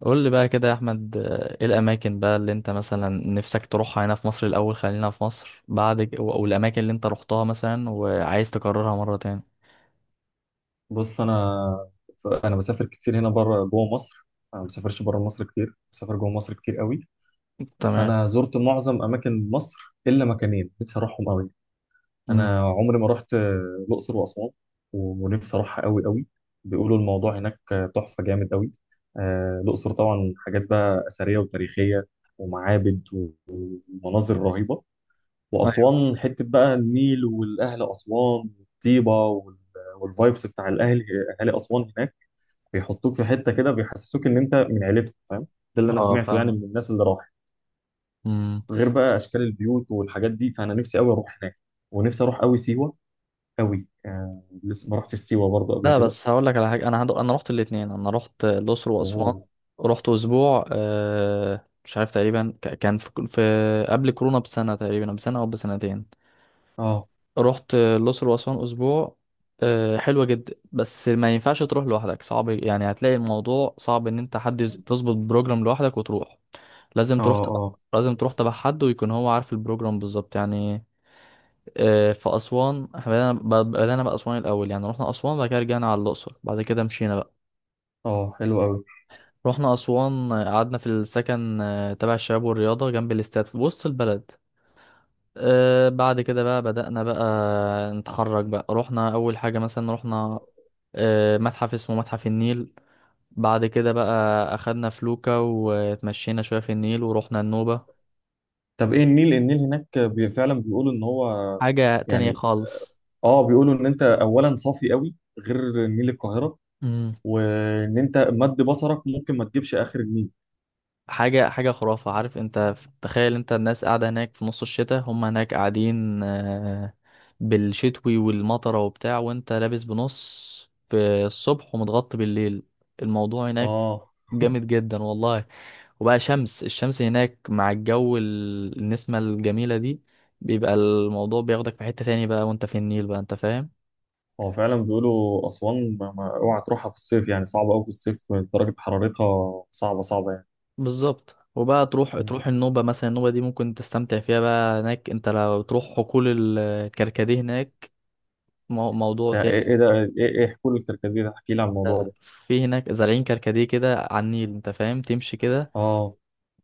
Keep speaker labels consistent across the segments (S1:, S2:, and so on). S1: قول لي بقى كده يا احمد، ايه الاماكن بقى اللي انت مثلا نفسك تروحها هنا في مصر؟ الاول خلينا في مصر بعد والاماكن اللي انت روحتها مثلا وعايز تكررها مره تاني.
S2: بص، انا بسافر كتير هنا بره جوه مصر. انا ما بسافرش بره مصر كتير، بسافر جوه مصر كتير قوي.
S1: تمام.
S2: فانا زرت معظم اماكن مصر الا مكانين نفسي اروحهم قوي.
S1: امم.
S2: انا عمري ما رحت الاقصر واسوان، ونفسي اروحها قوي قوي. بيقولوا الموضوع هناك تحفه جامد قوي. الاقصر طبعا حاجات بقى اثريه وتاريخيه، ومعابد و- ومناظر رهيبه.
S1: أيوة.
S2: واسوان حته بقى النيل، والاهل اسوان والطيبه، والفايبس بتاع الاهل، اهالي اسوان هناك، بيحطوك في حته كده بيحسسوك ان انت من عيلتهم، فاهم؟ ده اللي انا
S1: اه،
S2: سمعته يعني
S1: فاهم.
S2: من الناس اللي راحت.
S1: امم.
S2: غير بقى اشكال البيوت والحاجات دي، فانا نفسي قوي اروح هناك. ونفسي اروح قوي سيوه قوي، لسه ما رحتش سيوه برضه قبل
S1: لا،
S2: كده.
S1: بس هقول لك على حاجه. انا رحت الاثنين، انا رحت الاقصر واسوان.
S2: اوه.
S1: رحت اسبوع، مش عارف تقريبا، كان في قبل كورونا بسنه، تقريبا بسنه او بسنتين.
S2: اه،
S1: رحت الأقصر وأسوان أسبوع. حلوة جدا، بس ما ينفعش تروح لوحدك، صعب يعني. هتلاقي الموضوع صعب إن أنت حد تظبط بروجرام لوحدك وتروح. لازم
S2: اه،
S1: تروح تبع
S2: اه،
S1: لازم تروح تبع حد، ويكون هو عارف البروجرام بالظبط يعني. في أسوان إحنا بدأنا بأسوان الأول يعني. رحنا أسوان، بعد كده رجعنا على الأقصر، بعد كده مشينا بقى.
S2: اه. حلو قوي.
S1: رحنا أسوان، قعدنا في السكن تبع الشباب والرياضة، جنب الاستاد في وسط البلد. بعد كده بقى بدأنا بقى نتحرك بقى. رحنا أول حاجة مثلا، رحنا متحف اسمه متحف النيل. بعد كده بقى أخدنا فلوكة وتمشينا شوية في النيل، ورحنا النوبة.
S2: طب ايه النيل؟ النيل هناك فعلا بيقولوا ان هو،
S1: حاجة تانية
S2: يعني،
S1: خالص.
S2: اه، بيقولوا ان انت اولا صافي قوي غير نيل القاهره،
S1: مم.
S2: وان انت مد بصرك ممكن ما تجيبش اخر النيل.
S1: حاجة حاجة خرافة، عارف انت. تخيل انت، الناس قاعدة هناك في نص الشتاء، هم هناك قاعدين، بالشتوي والمطرة وبتاع، وانت لابس بنص في الصبح ومتغطي بالليل. الموضوع هناك
S2: اه.
S1: جامد جدا والله. وبقى الشمس هناك مع الجو، النسمة الجميلة دي بيبقى الموضوع بياخدك في حتة تاني بقى، وانت في النيل بقى، انت فاهم.
S2: هو فعلا بيقولوا أسوان ما اوعى تروحها في الصيف، يعني صعبة أوي في الصيف، درجة حرارتها صعبة صعبة يعني.
S1: بالظبط. وبقى تروح
S2: مم.
S1: تروح النوبة مثلا، النوبة دي ممكن تستمتع فيها بقى هناك. انت لو تروح حقول الكركديه هناك، موضوع
S2: ده إيه
S1: تاني.
S2: إيه ده إيه إيه حلول الكركديه ده؟ احكي لي عن الموضوع ده.
S1: في هناك زارعين كركديه كده على النيل، انت فاهم، تمشي كده
S2: آه.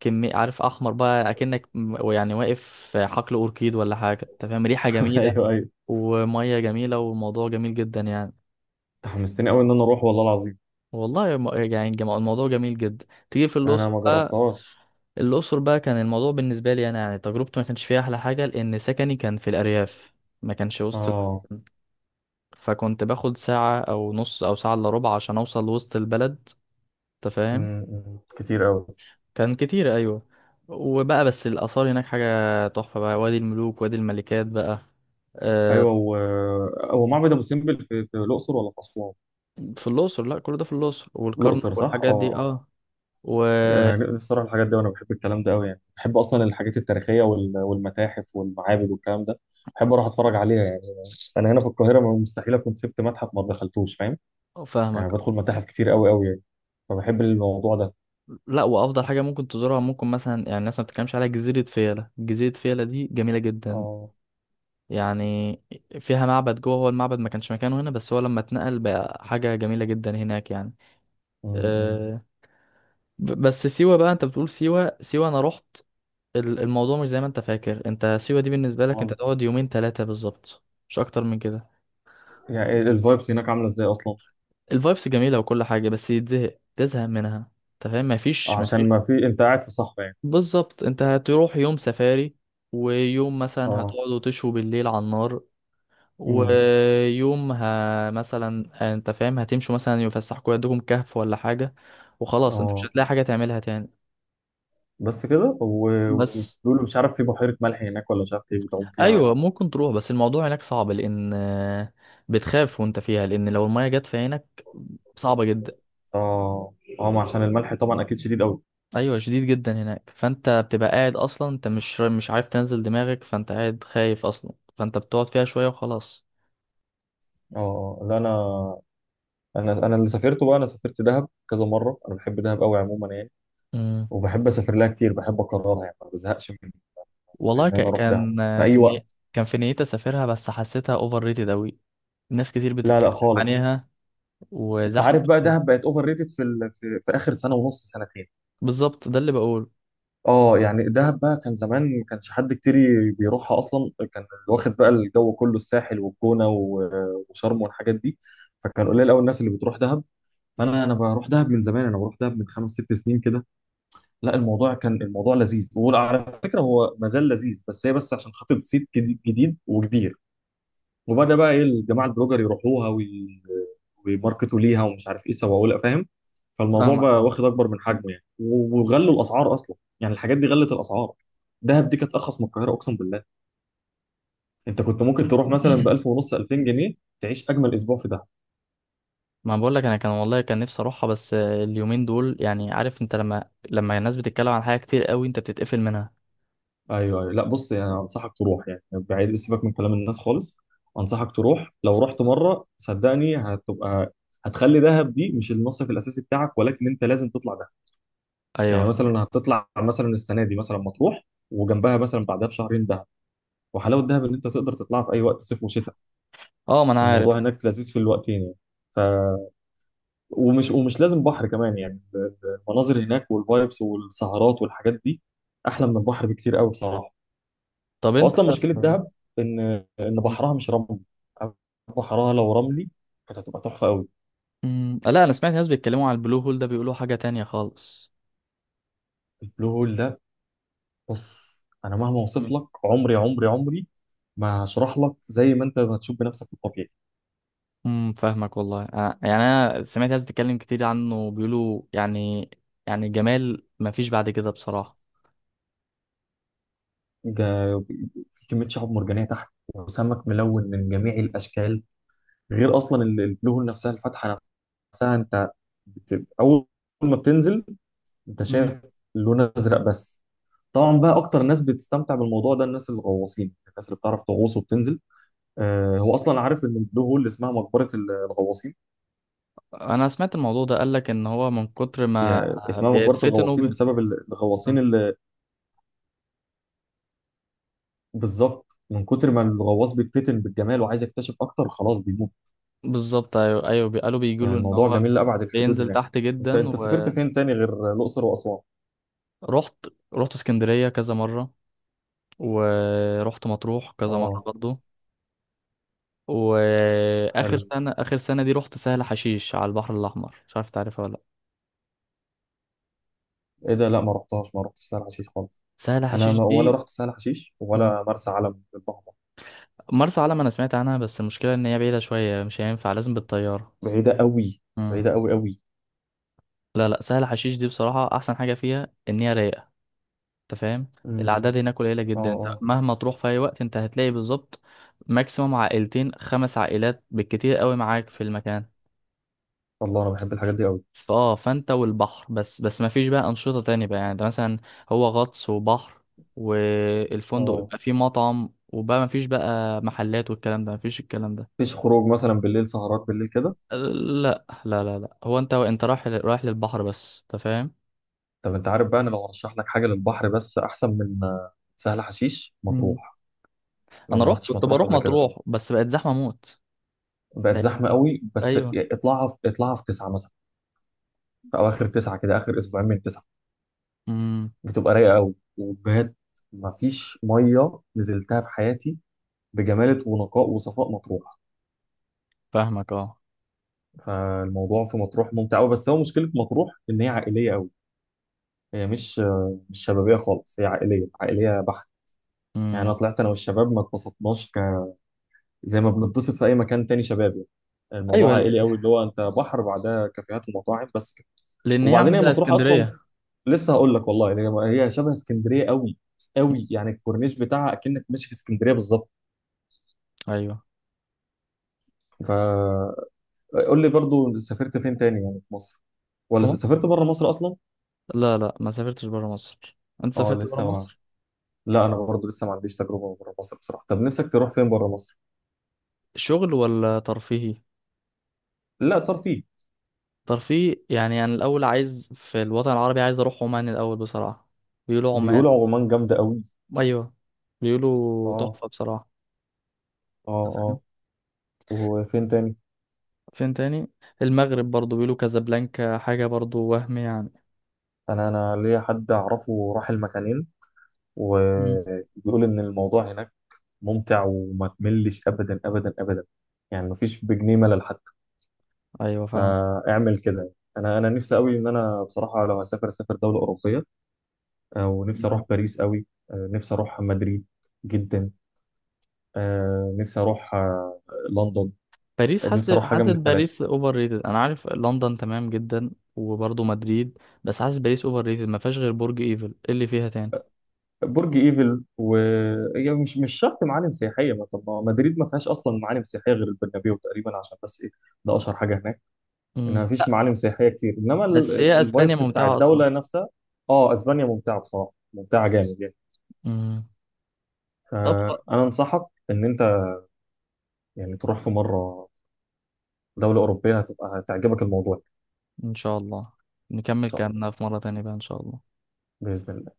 S1: كمية، عارف، احمر بقى، اكنك يعني واقف في حقل اوركيد ولا حاجة، انت فاهم، ريحة جميلة
S2: أيوه، أيوه.
S1: ومية جميلة وموضوع جميل جدا يعني.
S2: أنت حمستني أوي إن أنا أروح، والله العظيم.
S1: والله يعني الموضوع جميل جدا. تيجي في
S2: أنا
S1: الأقصر
S2: ما
S1: بقى،
S2: جربتهاش.
S1: الأقصر بقى كان الموضوع بالنسبة لي أنا يعني تجربتي ما كانش فيها أحلى حاجة، لأن سكني كان في الأرياف، ما كانش وسط
S2: آه.
S1: فكنت باخد ساعة أو نص أو ساعة إلا ربع عشان أوصل لوسط البلد، أنت فاهم.
S2: مم، مم. كتير أوي.
S1: كان كتير، أيوة. وبقى بس الآثار هناك حاجة تحفة بقى، وادي الملوك، وادي الملكات بقى.
S2: أيوه
S1: آه،
S2: هو معبد أبو سمبل في الأقصر ولا في أسوان؟
S1: في الأقصر. لا، كل ده في الأقصر
S2: الأقصر،
S1: والكرنك
S2: صح؟ آه،
S1: والحاجات دي،
S2: آه.
S1: اه.
S2: أنا نفسي أروح الحاجات دي، وأنا بحب الكلام ده أوي، يعني بحب أصلا الحاجات التاريخية والمتاحف والمعابد والكلام ده، بحب أروح أتفرج عليها. انا هنا في القاهره، ما مستحيل اكون سبت متحف ما دخلتوش، فاهم؟ يعني
S1: وفاهمك.
S2: بدخل متاحف كتير قوي قوي يعني. فبحب الموضوع ده.
S1: لا، وافضل حاجه ممكن تزورها، ممكن مثلا يعني الناس ما بتتكلمش عليها، جزيره فيلة. جزيره فيلة دي جميله جدا
S2: اه.
S1: يعني. فيها معبد جوه، هو المعبد ما كانش مكانه هنا بس هو لما اتنقل بقى حاجه جميله جدا هناك يعني.
S2: امم.
S1: أه. بس سيوه بقى، انت بتقول سيوه سيوه، انا رحت الموضوع مش زي ما انت فاكر. انت سيوه دي بالنسبه لك انت
S2: امال؟
S1: تقعد يومين ثلاثه بالظبط، مش اكتر من كده.
S2: يعني الفايبس هناك عامله ازاي اصلا؟
S1: الفايبس جميله وكل حاجه، بس يتزهق تزهق منها، انت فاهم، مفيش.
S2: عشان ما في، انت قاعد في صحراء يعني.
S1: بالظبط. انت هتروح يوم سفاري، ويوم مثلا
S2: اه.
S1: هتقعدوا تشوا بالليل على النار،
S2: امم.
S1: ويوم مثلا، انت فاهم، هتمشوا مثلا يفسحكوا يدكم كهف ولا حاجة، وخلاص انت مش
S2: اه.
S1: هتلاقي حاجة تعملها تاني.
S2: بس كده، و-
S1: بس
S2: وبيقولوا مش عارف في بحيره ملح هناك، ولا مش عارف ايه، بتعوم فيها.
S1: ايوه، ممكن تروح، بس الموضوع هناك صعب لان بتخاف وانت فيها، لان لو المية جت في عينك صعبة جدا.
S2: اه. اه، ما عشان الملح طبعا اكيد شديد قوي.
S1: ايوه شديد جدا هناك، فانت بتبقى قاعد اصلا، انت مش عارف تنزل دماغك، فانت قاعد خايف اصلا، فانت بتقعد فيها شوية وخلاص.
S2: اه. آه. لا، انا، انا اللي سافرته بقى. انا سافرت دهب كذا مره، انا بحب دهب قوي عموما يعني،
S1: مم.
S2: وبحب اسافر لها كتير، بحب اكررها يعني ما بزهقش.
S1: والله
S2: ان انا اروح دهب في اي وقت.
S1: كان في نيتي اسافرها بس حسيتها اوفر ريتد اوي. ناس كتير
S2: لا، لا،
S1: بتتكلم
S2: خالص.
S1: عليها
S2: انت
S1: وزحمه
S2: عارف بقى دهب
S1: شوية.
S2: بقت اوفر ريتد في, ال... في في اخر سنه ونص سنتين.
S1: بالظبط، ده اللي بقول.
S2: اه، يعني دهب بقى كان زمان ما كانش حد كتير بيروحها اصلا، كان اللي واخد بقى الجو كله الساحل والجونه و- وشرم والحاجات دي، فكان قليل قوي الناس اللي بتروح دهب. فانا بروح دهب من زمان، انا بروح دهب من خمس ست سنين كده. لا الموضوع، كان لذيذ، وعلى فكره هو ما زال لذيذ، بس هي عشان خاطر صيت جديد جديد وكبير، وبدا بقى ايه الجماعه البلوجر يروحوها ويماركتوا ليها ومش عارف ايه سووا لها، فاهم؟ فالموضوع
S1: فاهمك،
S2: بقى
S1: اه.
S2: واخد اكبر من حجمه يعني، و- وغلوا الاسعار اصلا، يعني الحاجات دي غلت الاسعار. دهب دي كانت ارخص من القاهره، اقسم بالله. انت كنت ممكن تروح مثلا ب 1000 ونص، 2000 جنيه، تعيش اجمل اسبوع في دهب.
S1: ما بقول لك، انا كان والله كان نفسي اروحها، بس اليومين دول يعني، عارف انت لما الناس بتتكلم عن حاجه كتير قوي، انت بتتقفل منها.
S2: ايوه، ايوه. لا بص، يعني انصحك تروح، يعني بعيد سيبك من كلام الناس خالص. انصحك تروح، لو رحت مره صدقني هتبقى، هتخلي دهب دي مش المصيف الاساسي بتاعك، ولكن انت لازم تطلع دهب.
S1: ايوه.
S2: يعني مثلا هتطلع مثلا السنه دي مثلا مطروح، وجنبها مثلا بعدها بشهرين دهب. وحلاوه دهب ان انت تقدر تطلعها في اي وقت، صيف وشتاء.
S1: اه، ما انا عارف.
S2: الموضوع هناك لذيذ في الوقتين يعني. ف ومش لازم بحر كمان يعني. المناظر هناك والفايبس والسهرات والحاجات دي احلى من البحر بكتير قوي بصراحه.
S1: طب انت
S2: واصلا مشكله دهب، ان،
S1: مم.
S2: بحرها مش رملي. بحرها لو رملي كانت هتبقى تحفه قوي.
S1: مم. لا، انا سمعت ناس بيتكلموا على البلو هول ده، بيقولوا حاجه تانية خالص.
S2: البلو هول ده، بص، انا مهما اوصف لك عمري عمري عمري ما هشرح لك، زي ما انت هتشوف بنفسك في الطبيعي.
S1: فاهمك، والله أنا يعني انا سمعت ناس بتتكلم كتير عنه بيقولوا يعني، يعني جمال ما فيش بعد كده بصراحة.
S2: جا- في كمية شعاب مرجانية تحت وسمك ملون من جميع الأشكال، غير أصلا البلوهول نفسها، الفتحة نفسها. أنت أول ما بتنزل أنت
S1: امم.
S2: شايف لون أزرق بس. طبعا بقى أكتر ناس بتستمتع بالموضوع ده الناس الغواصين، الناس اللي بتعرف تغوص وبتنزل. هو أصلا عارف إن البلو هول اسمها مقبرة الغواصين.
S1: انا سمعت الموضوع ده، قال لك ان هو من كتر ما
S2: يعني اسمها مقبرة
S1: بيتفتن
S2: الغواصين بسبب الغواصين
S1: آه.
S2: اللي، بالظبط، من كتر ما الغواص بيتفتن بالجمال وعايز يكتشف أكتر خلاص بيموت.
S1: بالظبط، ايوه، ايوه، قالوا بيقولوا ان
S2: الموضوع
S1: هو
S2: جميل لأبعد الحدود
S1: بينزل
S2: هناك.
S1: تحت
S2: انت
S1: جدا.
S2: انت سافرت
S1: ورحت،
S2: فين تاني غير الأقصر وأسوان؟
S1: رحت اسكندرية كذا مرة، ورحت مطروح كذا مرة
S2: اه.
S1: برضه. واخر
S2: حلو.
S1: سنة، اخر سنة دي رحت سهل حشيش على البحر الاحمر، مش عارف تعرفها ولا لا؟
S2: ايه ده؟ لا ما رحتش سهل حشيش خالص.
S1: سهل
S2: انا
S1: حشيش
S2: ما
S1: دي،
S2: ولا رحت سهل حشيش ولا مرسى علم بالبحر.
S1: مرسى علم انا سمعت عنها بس المشكله ان هي بعيده شويه، مش هينفع لازم بالطياره.
S2: بعيدة قوي.
S1: مم.
S2: بعيدة قوي قوي.
S1: لا، لا، سهل حشيش دي بصراحه احسن حاجه فيها ان هي رايقه، انت فاهم.
S2: امم.
S1: الاعداد هناك قليله
S2: اه،
S1: جدا، انت
S2: اه.
S1: مهما تروح في اي وقت انت هتلاقي بالظبط ماكسيموم عائلتين، خمس عائلات بالكتير قوي معاك في المكان.
S2: والله انا بحب الحاجات دي قوي.
S1: فانت والبحر بس ما فيش بقى انشطه تانية بقى يعني، ده مثلا هو غطس وبحر، والفندق
S2: اه.
S1: يبقى فيه مطعم وبقى ما فيش بقى محلات والكلام ده، ما فيش الكلام ده.
S2: مفيش خروج مثلا بالليل، سهرات بالليل كده؟
S1: لا، لا، لا، لا، هو انت رايح للبحر بس، انت فاهم.
S2: طب انت عارف بقى، انا لو هرشح لك حاجة للبحر بس احسن من سهل حشيش،
S1: مم.
S2: مطروح، لو
S1: انا
S2: ما
S1: رحت،
S2: رحتش
S1: كنت
S2: مطروح
S1: بروح
S2: قبل كده.
S1: مطروح بس بقت زحمه موت.
S2: بقت
S1: بقت،
S2: زحمة قوي بس،
S1: ايوه.
S2: اطلعها في، تسعة مثلا، في اواخر تسعه كده، اخر اسبوعين من تسعه،
S1: امم
S2: بتبقى رايقه قوي وبجد. مفيش ميه نزلتها في حياتي بجماله ونقاء وصفاء مطروح.
S1: فاهمك، اه.
S2: فالموضوع في مطروح ممتع قوي، بس هو مشكله مطروح ان هي عائليه قوي. هي مش، شبابيه خالص، هي عائليه عائليه بحت. يعني
S1: امم.
S2: انا طلعت انا والشباب ما اتبسطناش زي ما بنتبسط في اي مكان تاني شبابي.
S1: ايوه،
S2: الموضوع عائلي قوي، اللي هو انت بحر بعدها كافيهات ومطاعم بس كده.
S1: لان هي عامله
S2: وبعدين هي
S1: زي
S2: مطروح اصلا،
S1: اسكندريه.
S2: لسه هقول لك والله، يعني هي شبه اسكندريه قوي
S1: مم.
S2: قوي، يعني الكورنيش بتاعها اكنك ماشي في اسكندريه بالظبط.
S1: ايوه.
S2: فقول لي برضو، سافرت فين تاني يعني في مصر،
S1: في
S2: ولا
S1: مصر،
S2: سافرت بره مصر اصلا؟
S1: لا، لا، ما سافرتش بره مصر. انت
S2: اه
S1: سافرت بره
S2: لسه ما.
S1: مصر؟
S2: لا، انا برضو لسه ما عنديش تجربه بره مصر بصراحه. طب نفسك تروح فين بره مصر؟
S1: شغل ولا ترفيهي؟
S2: لا، ترفيه.
S1: ترفيه يعني، انا الاول عايز في الوطن العربي، عايز اروح عمان الاول بصراحه. بيقولوا عمان.
S2: بيقولوا عمان جامده قوي.
S1: ايوه، بيقولوا
S2: اه،
S1: تحفه بصراحه.
S2: اه، اه. وفين تاني؟
S1: فين تاني؟ المغرب برضو، بيقولوا كازابلانكا حاجة برضو، وهم يعني.
S2: انا ليا حد اعرفه راح المكانين،
S1: مم.
S2: وبيقول ان الموضوع هناك ممتع وما تملش ابدا، ابدا، ابدا. يعني مفيش بجنيه ملل.
S1: ايوه، فاهم.
S2: فاعمل كده. انا نفسي قوي، ان انا بصراحه لو هسافر اسافر دوله اوروبيه. ونفسي اروح
S1: مم.
S2: باريس قوي. نفسي اروح مدريد جدا. نفسي اروح لندن.
S1: باريس، حاسس
S2: نفسي اروح حاجه
S1: حاسس
S2: من الثلاثه.
S1: باريس اوفر ريتد. انا عارف لندن تمام جدا. وبرضو مدريد. بس حاسس باريس اوفر ريتد، ما فيهاش غير برج ايفل، إيه اللي فيها تاني؟
S2: برج ايفل هي مش، شرط معالم سياحيه، ما طب ما مدريد ما فيهاش اصلا معالم سياحيه غير البرنابيو تقريبا، عشان بس ايه، ده اشهر حاجه هناك. انها
S1: مم.
S2: ما فيش
S1: لا،
S2: معالم سياحيه كتير، انما
S1: بس هي اسبانيا
S2: الفايبس بتاع
S1: ممتعة اصلا.
S2: الدوله نفسها. اه اسبانيا ممتعه بصراحه، ممتعه جامد يعني.
S1: مم. طب،
S2: فانا انصحك ان انت، يعني، تروح في مرة دولة أوروبية هتبقى هتعجبك الموضوع. إن
S1: ان شاء الله نكمل
S2: شاء الله.
S1: كلامنا في مرة تانية بقى، ان شاء الله.
S2: بإذن الله.